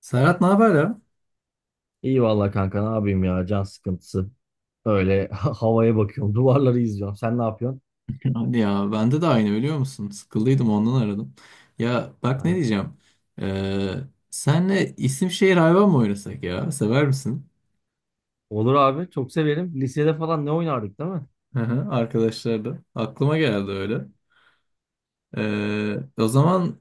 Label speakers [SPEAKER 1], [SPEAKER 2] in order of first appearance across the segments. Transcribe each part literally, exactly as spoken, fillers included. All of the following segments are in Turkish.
[SPEAKER 1] Serhat ne haber ya?
[SPEAKER 2] İyi valla kanka ne yapayım ya, can sıkıntısı. Öyle havaya bakıyorum, duvarları izliyorum. Sen ne yapıyorsun?
[SPEAKER 1] Hadi ya bende de aynı biliyor musun? Sıkıldıydım ondan aradım. Ya bak ne
[SPEAKER 2] Ben-
[SPEAKER 1] diyeceğim. Ee, Senle isim şehir hayvan mı oynasak ya? Sever misin?
[SPEAKER 2] Olur abi, çok severim. Lisede falan ne oynardık değil mi?
[SPEAKER 1] Hı hı, arkadaşlar da. Aklıma geldi öyle. Ee, O zaman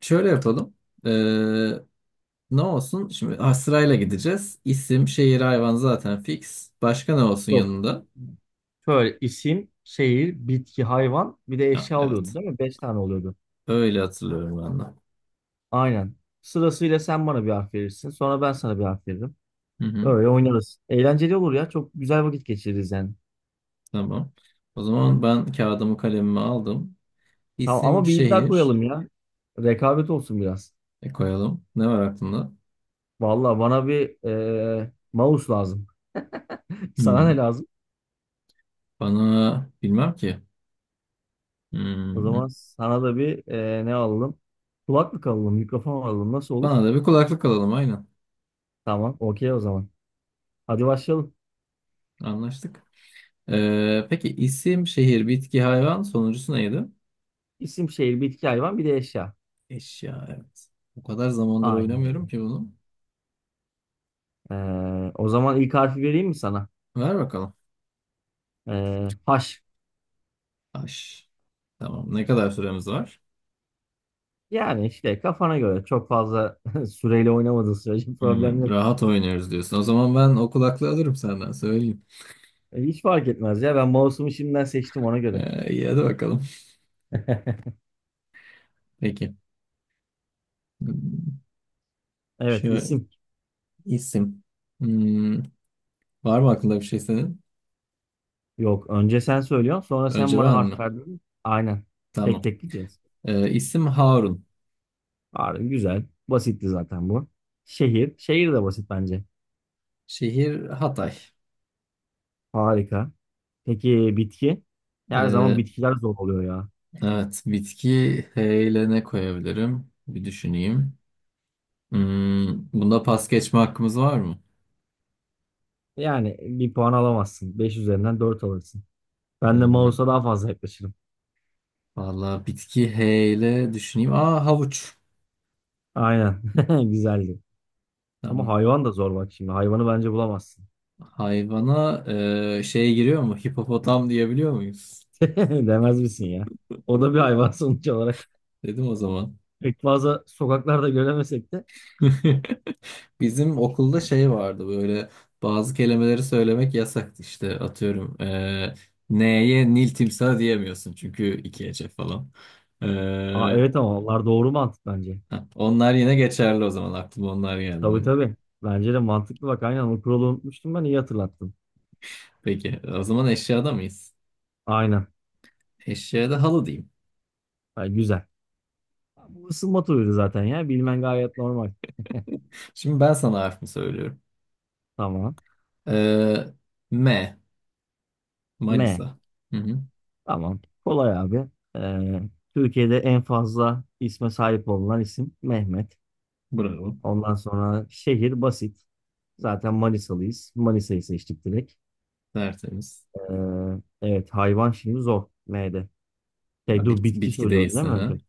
[SPEAKER 1] şöyle yapalım. Ee, Ne olsun? Şimdi ha, sırayla gideceğiz. İsim, şehir, hayvan zaten fix. Başka ne olsun
[SPEAKER 2] Yok.
[SPEAKER 1] yanında?
[SPEAKER 2] Şöyle isim, şehir, bitki, hayvan bir de
[SPEAKER 1] Ha,
[SPEAKER 2] eşya oluyordu
[SPEAKER 1] evet.
[SPEAKER 2] değil mi? Beş tane oluyordu.
[SPEAKER 1] Öyle hatırlıyorum ben de.
[SPEAKER 2] Aynen. Sırasıyla sen bana bir harf verirsin. Sonra ben sana bir harf veririm.
[SPEAKER 1] Hı hı,
[SPEAKER 2] Öyle oynarız. Eğlenceli olur ya. Çok güzel vakit geçiririz yani.
[SPEAKER 1] tamam. O zaman ben kağıdımı kalemimi aldım.
[SPEAKER 2] Tamam
[SPEAKER 1] İsim
[SPEAKER 2] ama bir iddia
[SPEAKER 1] şehir.
[SPEAKER 2] koyalım ya. Rekabet olsun biraz.
[SPEAKER 1] E koyalım. Ne var aklında?
[SPEAKER 2] Valla bana bir eee mouse lazım. Sana ne
[SPEAKER 1] Hmm.
[SPEAKER 2] lazım?
[SPEAKER 1] Bana bilmem ki.
[SPEAKER 2] O zaman
[SPEAKER 1] Hmm.
[SPEAKER 2] sana da bir e, ne alalım? Kulaklık alalım, mikrofon alalım. Nasıl olur?
[SPEAKER 1] Bana da bir kulaklık alalım aynen.
[SPEAKER 2] Tamam, okey o zaman. Hadi başlayalım.
[SPEAKER 1] Anlaştık. Ee, peki isim, şehir, bitki, hayvan sonuncusu neydi?
[SPEAKER 2] İsim, şehir, bitki, hayvan, bir de eşya.
[SPEAKER 1] Eşya evet. O kadar zamandır
[SPEAKER 2] Aynen
[SPEAKER 1] oynamıyorum
[SPEAKER 2] öyle.
[SPEAKER 1] ki bunu.
[SPEAKER 2] E, o zaman ilk harfi vereyim mi sana?
[SPEAKER 1] Ver bakalım.
[SPEAKER 2] E, H.
[SPEAKER 1] Taş. Tamam. Ne kadar süremiz var?
[SPEAKER 2] Yani işte kafana göre çok fazla süreyle oynamadığın sürece problem
[SPEAKER 1] Hmm,
[SPEAKER 2] yok.
[SPEAKER 1] rahat oynuyoruz diyorsun. O zaman ben o kulaklığı alırım senden söyleyeyim.
[SPEAKER 2] E, hiç fark etmez ya. Ben mouse'umu şimdiden seçtim ona göre.
[SPEAKER 1] Ee, iyi hadi bakalım. Peki. Hmm,
[SPEAKER 2] Evet,
[SPEAKER 1] şöyle
[SPEAKER 2] isim.
[SPEAKER 1] isim. Hmm, var mı aklında bir şey senin?
[SPEAKER 2] Yok, önce sen söylüyorsun, sonra sen
[SPEAKER 1] Önce
[SPEAKER 2] bana
[SPEAKER 1] ben
[SPEAKER 2] harf
[SPEAKER 1] mi?
[SPEAKER 2] verdin. Aynen.
[SPEAKER 1] Tamam.
[SPEAKER 2] Tek tek gidiyoruz.
[SPEAKER 1] Ee, isim Harun.
[SPEAKER 2] Harbi güzel. Basitti zaten bu. Şehir. Şehir de basit bence.
[SPEAKER 1] Şehir Hatay.
[SPEAKER 2] Harika. Peki bitki? Her zaman
[SPEAKER 1] Ee,
[SPEAKER 2] bitkiler zor oluyor ya.
[SPEAKER 1] evet. Bitki H ile ne koyabilirim? Bir düşüneyim. Hmm, bunda pas geçme hakkımız var mı?
[SPEAKER 2] Yani bir puan alamazsın. Beş üzerinden dört alırsın. Ben de
[SPEAKER 1] Hmm,
[SPEAKER 2] mouse'a daha fazla yaklaşırım.
[SPEAKER 1] valla bitki He ile düşüneyim. Aa havuç.
[SPEAKER 2] Aynen. Güzeldi. Ama
[SPEAKER 1] Tamam.
[SPEAKER 2] hayvan da zor bak şimdi. Hayvanı bence bulamazsın.
[SPEAKER 1] Hayvana e, şey giriyor mu? Hipopotam diyebiliyor muyuz?
[SPEAKER 2] Demez misin ya? O da bir hayvan sonuç olarak.
[SPEAKER 1] Dedim o zaman.
[SPEAKER 2] Pek fazla sokaklarda göremesek de.
[SPEAKER 1] Bizim okulda şey vardı böyle bazı kelimeleri söylemek yasaktı işte atıyorum eee neye Nil timsah diyemiyorsun çünkü iki ece falan.
[SPEAKER 2] Aa,
[SPEAKER 1] Eee,
[SPEAKER 2] evet ama onlar doğru mantık bence.
[SPEAKER 1] ha, onlar yine geçerli o zaman aklıma onlar geldi
[SPEAKER 2] Tabii
[SPEAKER 1] böyle.
[SPEAKER 2] tabii. Bence de mantıklı bak. Aynen o kuralı unutmuştum ben. İyi hatırlattın.
[SPEAKER 1] Peki o zaman eşyada mıyız?
[SPEAKER 2] Aynen.
[SPEAKER 1] Eşyada halı diyeyim.
[SPEAKER 2] Ha, güzel. Bu ısınma turuydu zaten ya. Bilmen gayet normal.
[SPEAKER 1] Şimdi ben sana harfimi söylüyorum.
[SPEAKER 2] Tamam.
[SPEAKER 1] Eee, Me
[SPEAKER 2] M.
[SPEAKER 1] Manisa. Hı hı,
[SPEAKER 2] Tamam. Kolay abi. Ee, Türkiye'de en fazla isme sahip olunan isim Mehmet.
[SPEAKER 1] bravo.
[SPEAKER 2] Ondan sonra şehir basit. Zaten Manisalıyız. Manisa'yı seçtik direkt.
[SPEAKER 1] Tertemiz.
[SPEAKER 2] Ee, evet, hayvan şimdi zor. M'de.
[SPEAKER 1] Ha,
[SPEAKER 2] Şey dur,
[SPEAKER 1] bit-
[SPEAKER 2] bitki
[SPEAKER 1] bitki
[SPEAKER 2] söylüyorum değil
[SPEAKER 1] değilsin
[SPEAKER 2] mi
[SPEAKER 1] ha.
[SPEAKER 2] önce?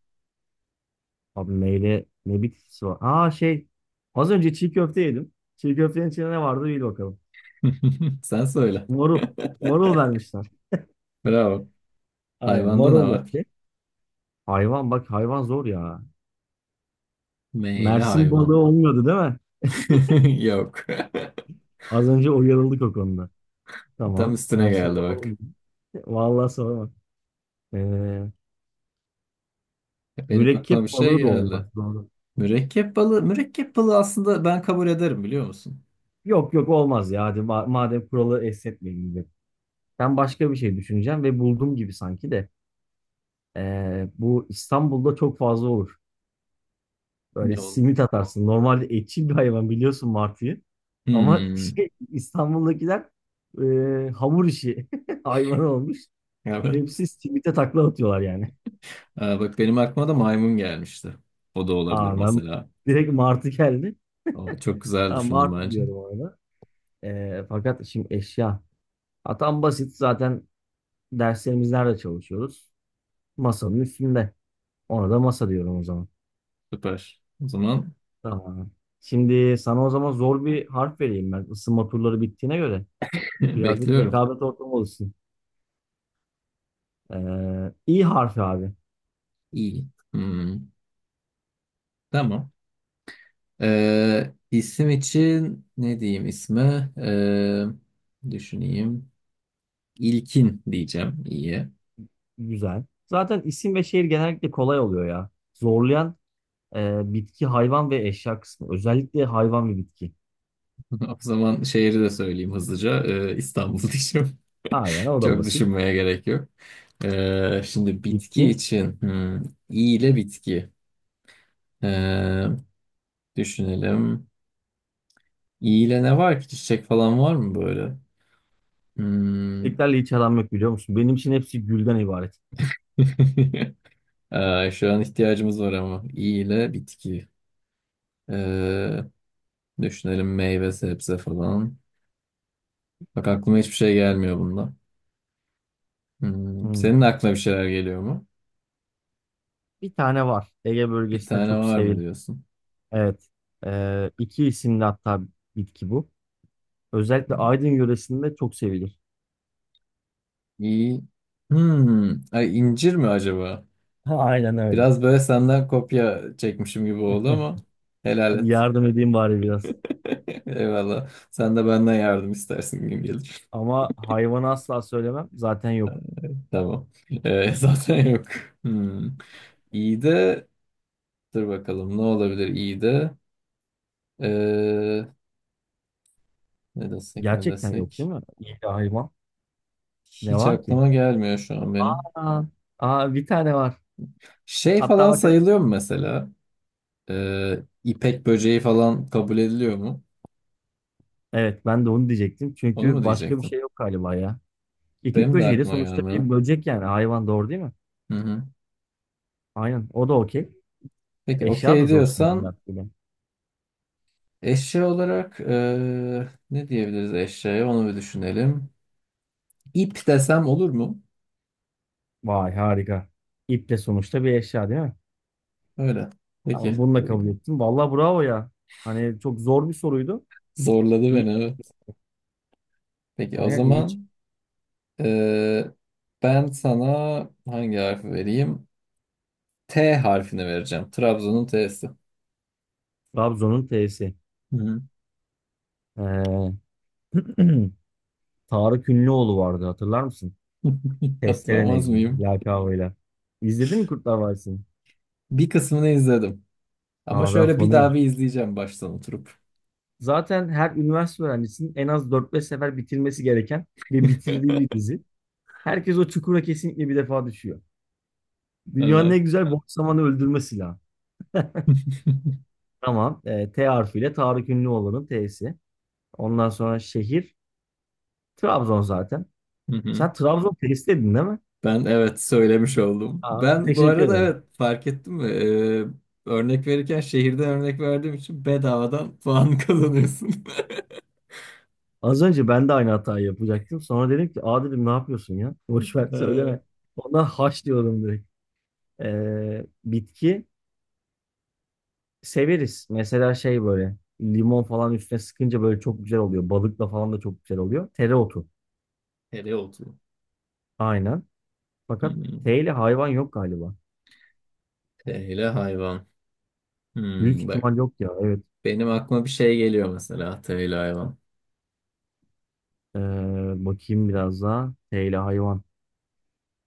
[SPEAKER 2] Abi M'de ne bitkisi var? Aa şey, az önce çiğ köfte yedim. Çiğ köftenin içinde ne vardı bil bakalım.
[SPEAKER 1] Sen söyle.
[SPEAKER 2] Marul. Marul vermişler.
[SPEAKER 1] Bravo.
[SPEAKER 2] Aynen,
[SPEAKER 1] Hayvanda ne
[SPEAKER 2] marul yok.
[SPEAKER 1] var?
[SPEAKER 2] Hayvan bak, hayvan zor ya.
[SPEAKER 1] M ile
[SPEAKER 2] Mersin
[SPEAKER 1] hayvan.
[SPEAKER 2] balığı olmuyordu değil mi?
[SPEAKER 1] Yok.
[SPEAKER 2] Az önce uyarıldık o konuda.
[SPEAKER 1] Tam
[SPEAKER 2] Tamam.
[SPEAKER 1] üstüne
[SPEAKER 2] Mersin
[SPEAKER 1] geldi
[SPEAKER 2] balığı
[SPEAKER 1] bak.
[SPEAKER 2] olmuyordu. Vallahi sorma. Ee,
[SPEAKER 1] Benim aklıma bir
[SPEAKER 2] Mürekkep
[SPEAKER 1] şey
[SPEAKER 2] balığı da olmaz.
[SPEAKER 1] geldi.
[SPEAKER 2] Doğru.
[SPEAKER 1] Mürekkep balığı. Mürekkep balığı aslında ben kabul ederim biliyor musun?
[SPEAKER 2] Yok yok, olmaz ya. Hadi ma- madem kuralı esnetmeyelim dedim. Ben başka bir şey düşüneceğim ve buldum gibi sanki de. Ee, bu İstanbul'da çok fazla olur. Böyle
[SPEAKER 1] Ne olur?
[SPEAKER 2] simit atarsın. Normalde etçil bir hayvan biliyorsun, martıyı. Ama
[SPEAKER 1] Hmm.
[SPEAKER 2] şey, İstanbul'dakiler e, hamur işi hayvan olmuş.
[SPEAKER 1] Evet.
[SPEAKER 2] Hepsi simite takla atıyorlar yani.
[SPEAKER 1] Aa, bak benim aklıma da maymun gelmişti. O da olabilir
[SPEAKER 2] Aa ben
[SPEAKER 1] mesela.
[SPEAKER 2] direkt Martı geldi.
[SPEAKER 1] O, çok güzel
[SPEAKER 2] Tamam,
[SPEAKER 1] düşündüm
[SPEAKER 2] Martı
[SPEAKER 1] bence.
[SPEAKER 2] diyorum orada. Ee, fakat şimdi eşya. Atam basit zaten, derslerimiz nerede çalışıyoruz? Masanın üstünde. Ona da masa diyorum o zaman.
[SPEAKER 1] Süper. O zaman
[SPEAKER 2] Tamam. Şimdi sana o zaman zor bir harf vereyim ben. Isınma turları bittiğine göre. Birazcık
[SPEAKER 1] bekliyorum.
[SPEAKER 2] rekabet ortamı olsun. Ee, İ harfi abi.
[SPEAKER 1] İyi. Hmm. Tamam. Ee, isim için ne diyeyim isme? Ee, düşüneyim. İlkin diyeceğim. İyi.
[SPEAKER 2] Güzel. Zaten isim ve şehir genellikle kolay oluyor ya. Zorlayan e, bitki, hayvan ve eşya kısmı. Özellikle hayvan ve bitki.
[SPEAKER 1] O zaman şehri de söyleyeyim hızlıca. Ee, İstanbul diyeceğim.
[SPEAKER 2] Aynen, o da
[SPEAKER 1] Çok
[SPEAKER 2] basit.
[SPEAKER 1] düşünmeye gerek yok. Ee, şimdi bitki
[SPEAKER 2] Bitki.
[SPEAKER 1] için hmm, i ile bitki. Ee, Düşünelim. İ ile ne var ki? Çiçek falan var mı böyle? Hmm.
[SPEAKER 2] Çiçeklerle hiç aram yok biliyor musun? Benim için hepsi gülden ibaret.
[SPEAKER 1] Ee, şu an ihtiyacımız var ama. İ ile bitki. Ee, Düşünelim meyve, sebze falan. Bak aklıma hiçbir şey gelmiyor bunda. Hmm,
[SPEAKER 2] Hmm.
[SPEAKER 1] senin aklına bir şeyler geliyor mu?
[SPEAKER 2] Bir tane var. Ege
[SPEAKER 1] Bir
[SPEAKER 2] bölgesinde
[SPEAKER 1] tane
[SPEAKER 2] çok
[SPEAKER 1] var mı
[SPEAKER 2] sevilen.
[SPEAKER 1] diyorsun?
[SPEAKER 2] Evet. Ee, iki isimli hatta, bitki bu. Özellikle Aydın yöresinde çok sevilir.
[SPEAKER 1] İyi. Hmm. Ay, incir mi acaba?
[SPEAKER 2] Aynen öyle.
[SPEAKER 1] Biraz böyle senden kopya çekmişim gibi oldu ama helal
[SPEAKER 2] Hadi
[SPEAKER 1] et.
[SPEAKER 2] yardım edeyim bari biraz.
[SPEAKER 1] Eyvallah. Sen de benden yardım istersin gün gelir.
[SPEAKER 2] Ama hayvanı asla söylemem. Zaten yok.
[SPEAKER 1] Tamam. Ee, zaten yok. Hmm. İyi de dur bakalım ne olabilir iyi de. Ee, Ne desek ne
[SPEAKER 2] Gerçekten yok değil
[SPEAKER 1] desek.
[SPEAKER 2] mi? İyi de hayvan. Ne
[SPEAKER 1] Hiç
[SPEAKER 2] var ki?
[SPEAKER 1] aklıma gelmiyor şu an benim.
[SPEAKER 2] Aa, aa, bir tane var.
[SPEAKER 1] Şey
[SPEAKER 2] Hatta
[SPEAKER 1] falan
[SPEAKER 2] bak.
[SPEAKER 1] sayılıyor mu mesela? Ee, ipek böceği falan kabul ediliyor mu?
[SPEAKER 2] Evet, ben de onu diyecektim.
[SPEAKER 1] Onu mu
[SPEAKER 2] Çünkü başka bir
[SPEAKER 1] diyecektim?
[SPEAKER 2] şey yok galiba ya. İpek
[SPEAKER 1] Benim de
[SPEAKER 2] böceği de
[SPEAKER 1] aklıma
[SPEAKER 2] sonuçta bir
[SPEAKER 1] gelmiyor.
[SPEAKER 2] böcek yani hayvan, doğru değil mi?
[SPEAKER 1] Hı hı.
[SPEAKER 2] Aynen, o da okey.
[SPEAKER 1] Peki
[SPEAKER 2] Eşya da
[SPEAKER 1] okey
[SPEAKER 2] zor şimdi bu
[SPEAKER 1] diyorsan
[SPEAKER 2] yaptığım.
[SPEAKER 1] eşya olarak eee, ne diyebiliriz eşyaya onu bir düşünelim. İp desem olur mu?
[SPEAKER 2] Vay harika. İp de sonuçta bir eşya değil mi?
[SPEAKER 1] Öyle. Peki.
[SPEAKER 2] Tamam, bunu da kabul ettim. Vallahi bravo ya. Hani çok zor bir soruydu.
[SPEAKER 1] Zorladı
[SPEAKER 2] İyi.
[SPEAKER 1] beni evet. Peki o
[SPEAKER 2] Aynen iyi, çıktı.
[SPEAKER 1] zaman eee, ben sana hangi harfi vereyim? T harfini vereceğim. Trabzon'un Te'si.
[SPEAKER 2] Trabzon'un T'si.
[SPEAKER 1] Hı hı.
[SPEAKER 2] Ee, Tarık Ünlüoğlu vardı, hatırlar mısın? Testere
[SPEAKER 1] Hatırlamaz
[SPEAKER 2] Necmi.
[SPEAKER 1] mıyım?
[SPEAKER 2] Lakabıyla. İzledin mi Kurtlar Vadisi'ni?
[SPEAKER 1] Bir kısmını izledim. Ama
[SPEAKER 2] Aa ben
[SPEAKER 1] şöyle bir
[SPEAKER 2] fanıyım.
[SPEAKER 1] daha bir izleyeceğim baştan oturup.
[SPEAKER 2] Zaten her üniversite öğrencisinin en az dört beş sefer bitirmesi gereken ve bitirdiği bir dizi. Herkes o çukura kesinlikle bir defa düşüyor. Dünyanın
[SPEAKER 1] Evet.
[SPEAKER 2] en güzel boş zamanı öldürme silahı. Tamam. E, T harfiyle Tarık Ünlüoğlu'nun T'si. Ondan sonra şehir. Trabzon zaten.
[SPEAKER 1] Hı hı.
[SPEAKER 2] Sen Trabzon T'si dedin değil mi?
[SPEAKER 1] Ben evet söylemiş oldum.
[SPEAKER 2] Aa,
[SPEAKER 1] Ben bu
[SPEAKER 2] teşekkür
[SPEAKER 1] arada
[SPEAKER 2] ederim.
[SPEAKER 1] evet fark ettim mi? Ee, örnek verirken şehirden örnek verdiğim için bedavadan puan kazanıyorsun.
[SPEAKER 2] Az önce ben de aynı hatayı yapacaktım. Sonra dedim ki aa dedim, ne yapıyorsun ya? Boş ver,
[SPEAKER 1] Ee,
[SPEAKER 2] söyleme. Ondan haş diyorum direkt. E, bitki severiz. Mesela şey böyle, limon falan üstüne sıkınca böyle çok güzel oluyor. Balıkla falan da çok güzel oluyor. Tereotu.
[SPEAKER 1] Hele oldu.
[SPEAKER 2] Aynen. Fakat
[SPEAKER 1] Hmm.
[SPEAKER 2] T ile hayvan yok galiba.
[SPEAKER 1] Hele hayvan.
[SPEAKER 2] Büyük
[SPEAKER 1] Hmm, bak
[SPEAKER 2] ihtimal yok ya. Evet.
[SPEAKER 1] benim aklıma bir şey geliyor mesela hele hayvan.
[SPEAKER 2] Ee, bakayım biraz daha. T ile hayvan.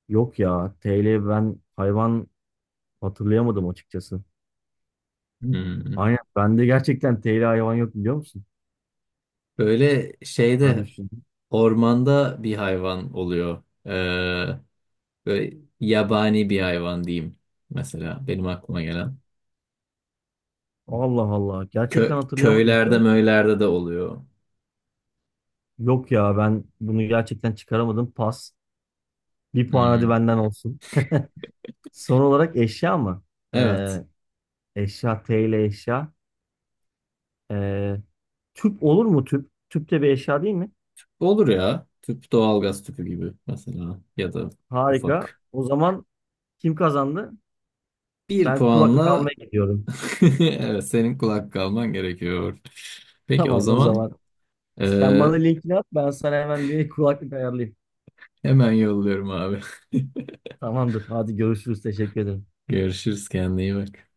[SPEAKER 2] Yok ya. T ile ben hayvan hatırlayamadım açıkçası.
[SPEAKER 1] Hmm.
[SPEAKER 2] Aynen. Bende gerçekten T ile hayvan yok biliyor musun?
[SPEAKER 1] Böyle
[SPEAKER 2] Hadi
[SPEAKER 1] şeyde
[SPEAKER 2] düşündüm.
[SPEAKER 1] ormanda bir hayvan oluyor. Ee, böyle yabani bir hayvan diyeyim mesela benim aklıma gelen.
[SPEAKER 2] Allah Allah.
[SPEAKER 1] Kö
[SPEAKER 2] Gerçekten hatırlayamadım biliyor
[SPEAKER 1] köylerde
[SPEAKER 2] musun?
[SPEAKER 1] möylerde de oluyor.
[SPEAKER 2] Yok ya, ben bunu gerçekten çıkaramadım. Pas. Bir puan hadi
[SPEAKER 1] Hmm,
[SPEAKER 2] benden olsun. Son olarak eşya mı?
[SPEAKER 1] evet.
[SPEAKER 2] Ee, Eşya, T ile eşya. Ee, Tüp olur mu tüp? Tüp de bir eşya değil mi?
[SPEAKER 1] Olur ya. Tüp doğalgaz tüpü gibi mesela ya da
[SPEAKER 2] Harika.
[SPEAKER 1] ufak.
[SPEAKER 2] O zaman kim kazandı?
[SPEAKER 1] Bir
[SPEAKER 2] Ben kulaklık
[SPEAKER 1] puanla
[SPEAKER 2] almaya gidiyorum.
[SPEAKER 1] evet, senin kulak kalman gerekiyor. Peki o
[SPEAKER 2] Tamam o
[SPEAKER 1] zaman
[SPEAKER 2] zaman. Sen
[SPEAKER 1] eee,
[SPEAKER 2] bana linkini at, ben sana hemen bir kulaklık ayarlayayım.
[SPEAKER 1] hemen yolluyorum abi.
[SPEAKER 2] Tamamdır. Hadi görüşürüz. Teşekkür ederim.
[SPEAKER 1] Görüşürüz kendine iyi bak.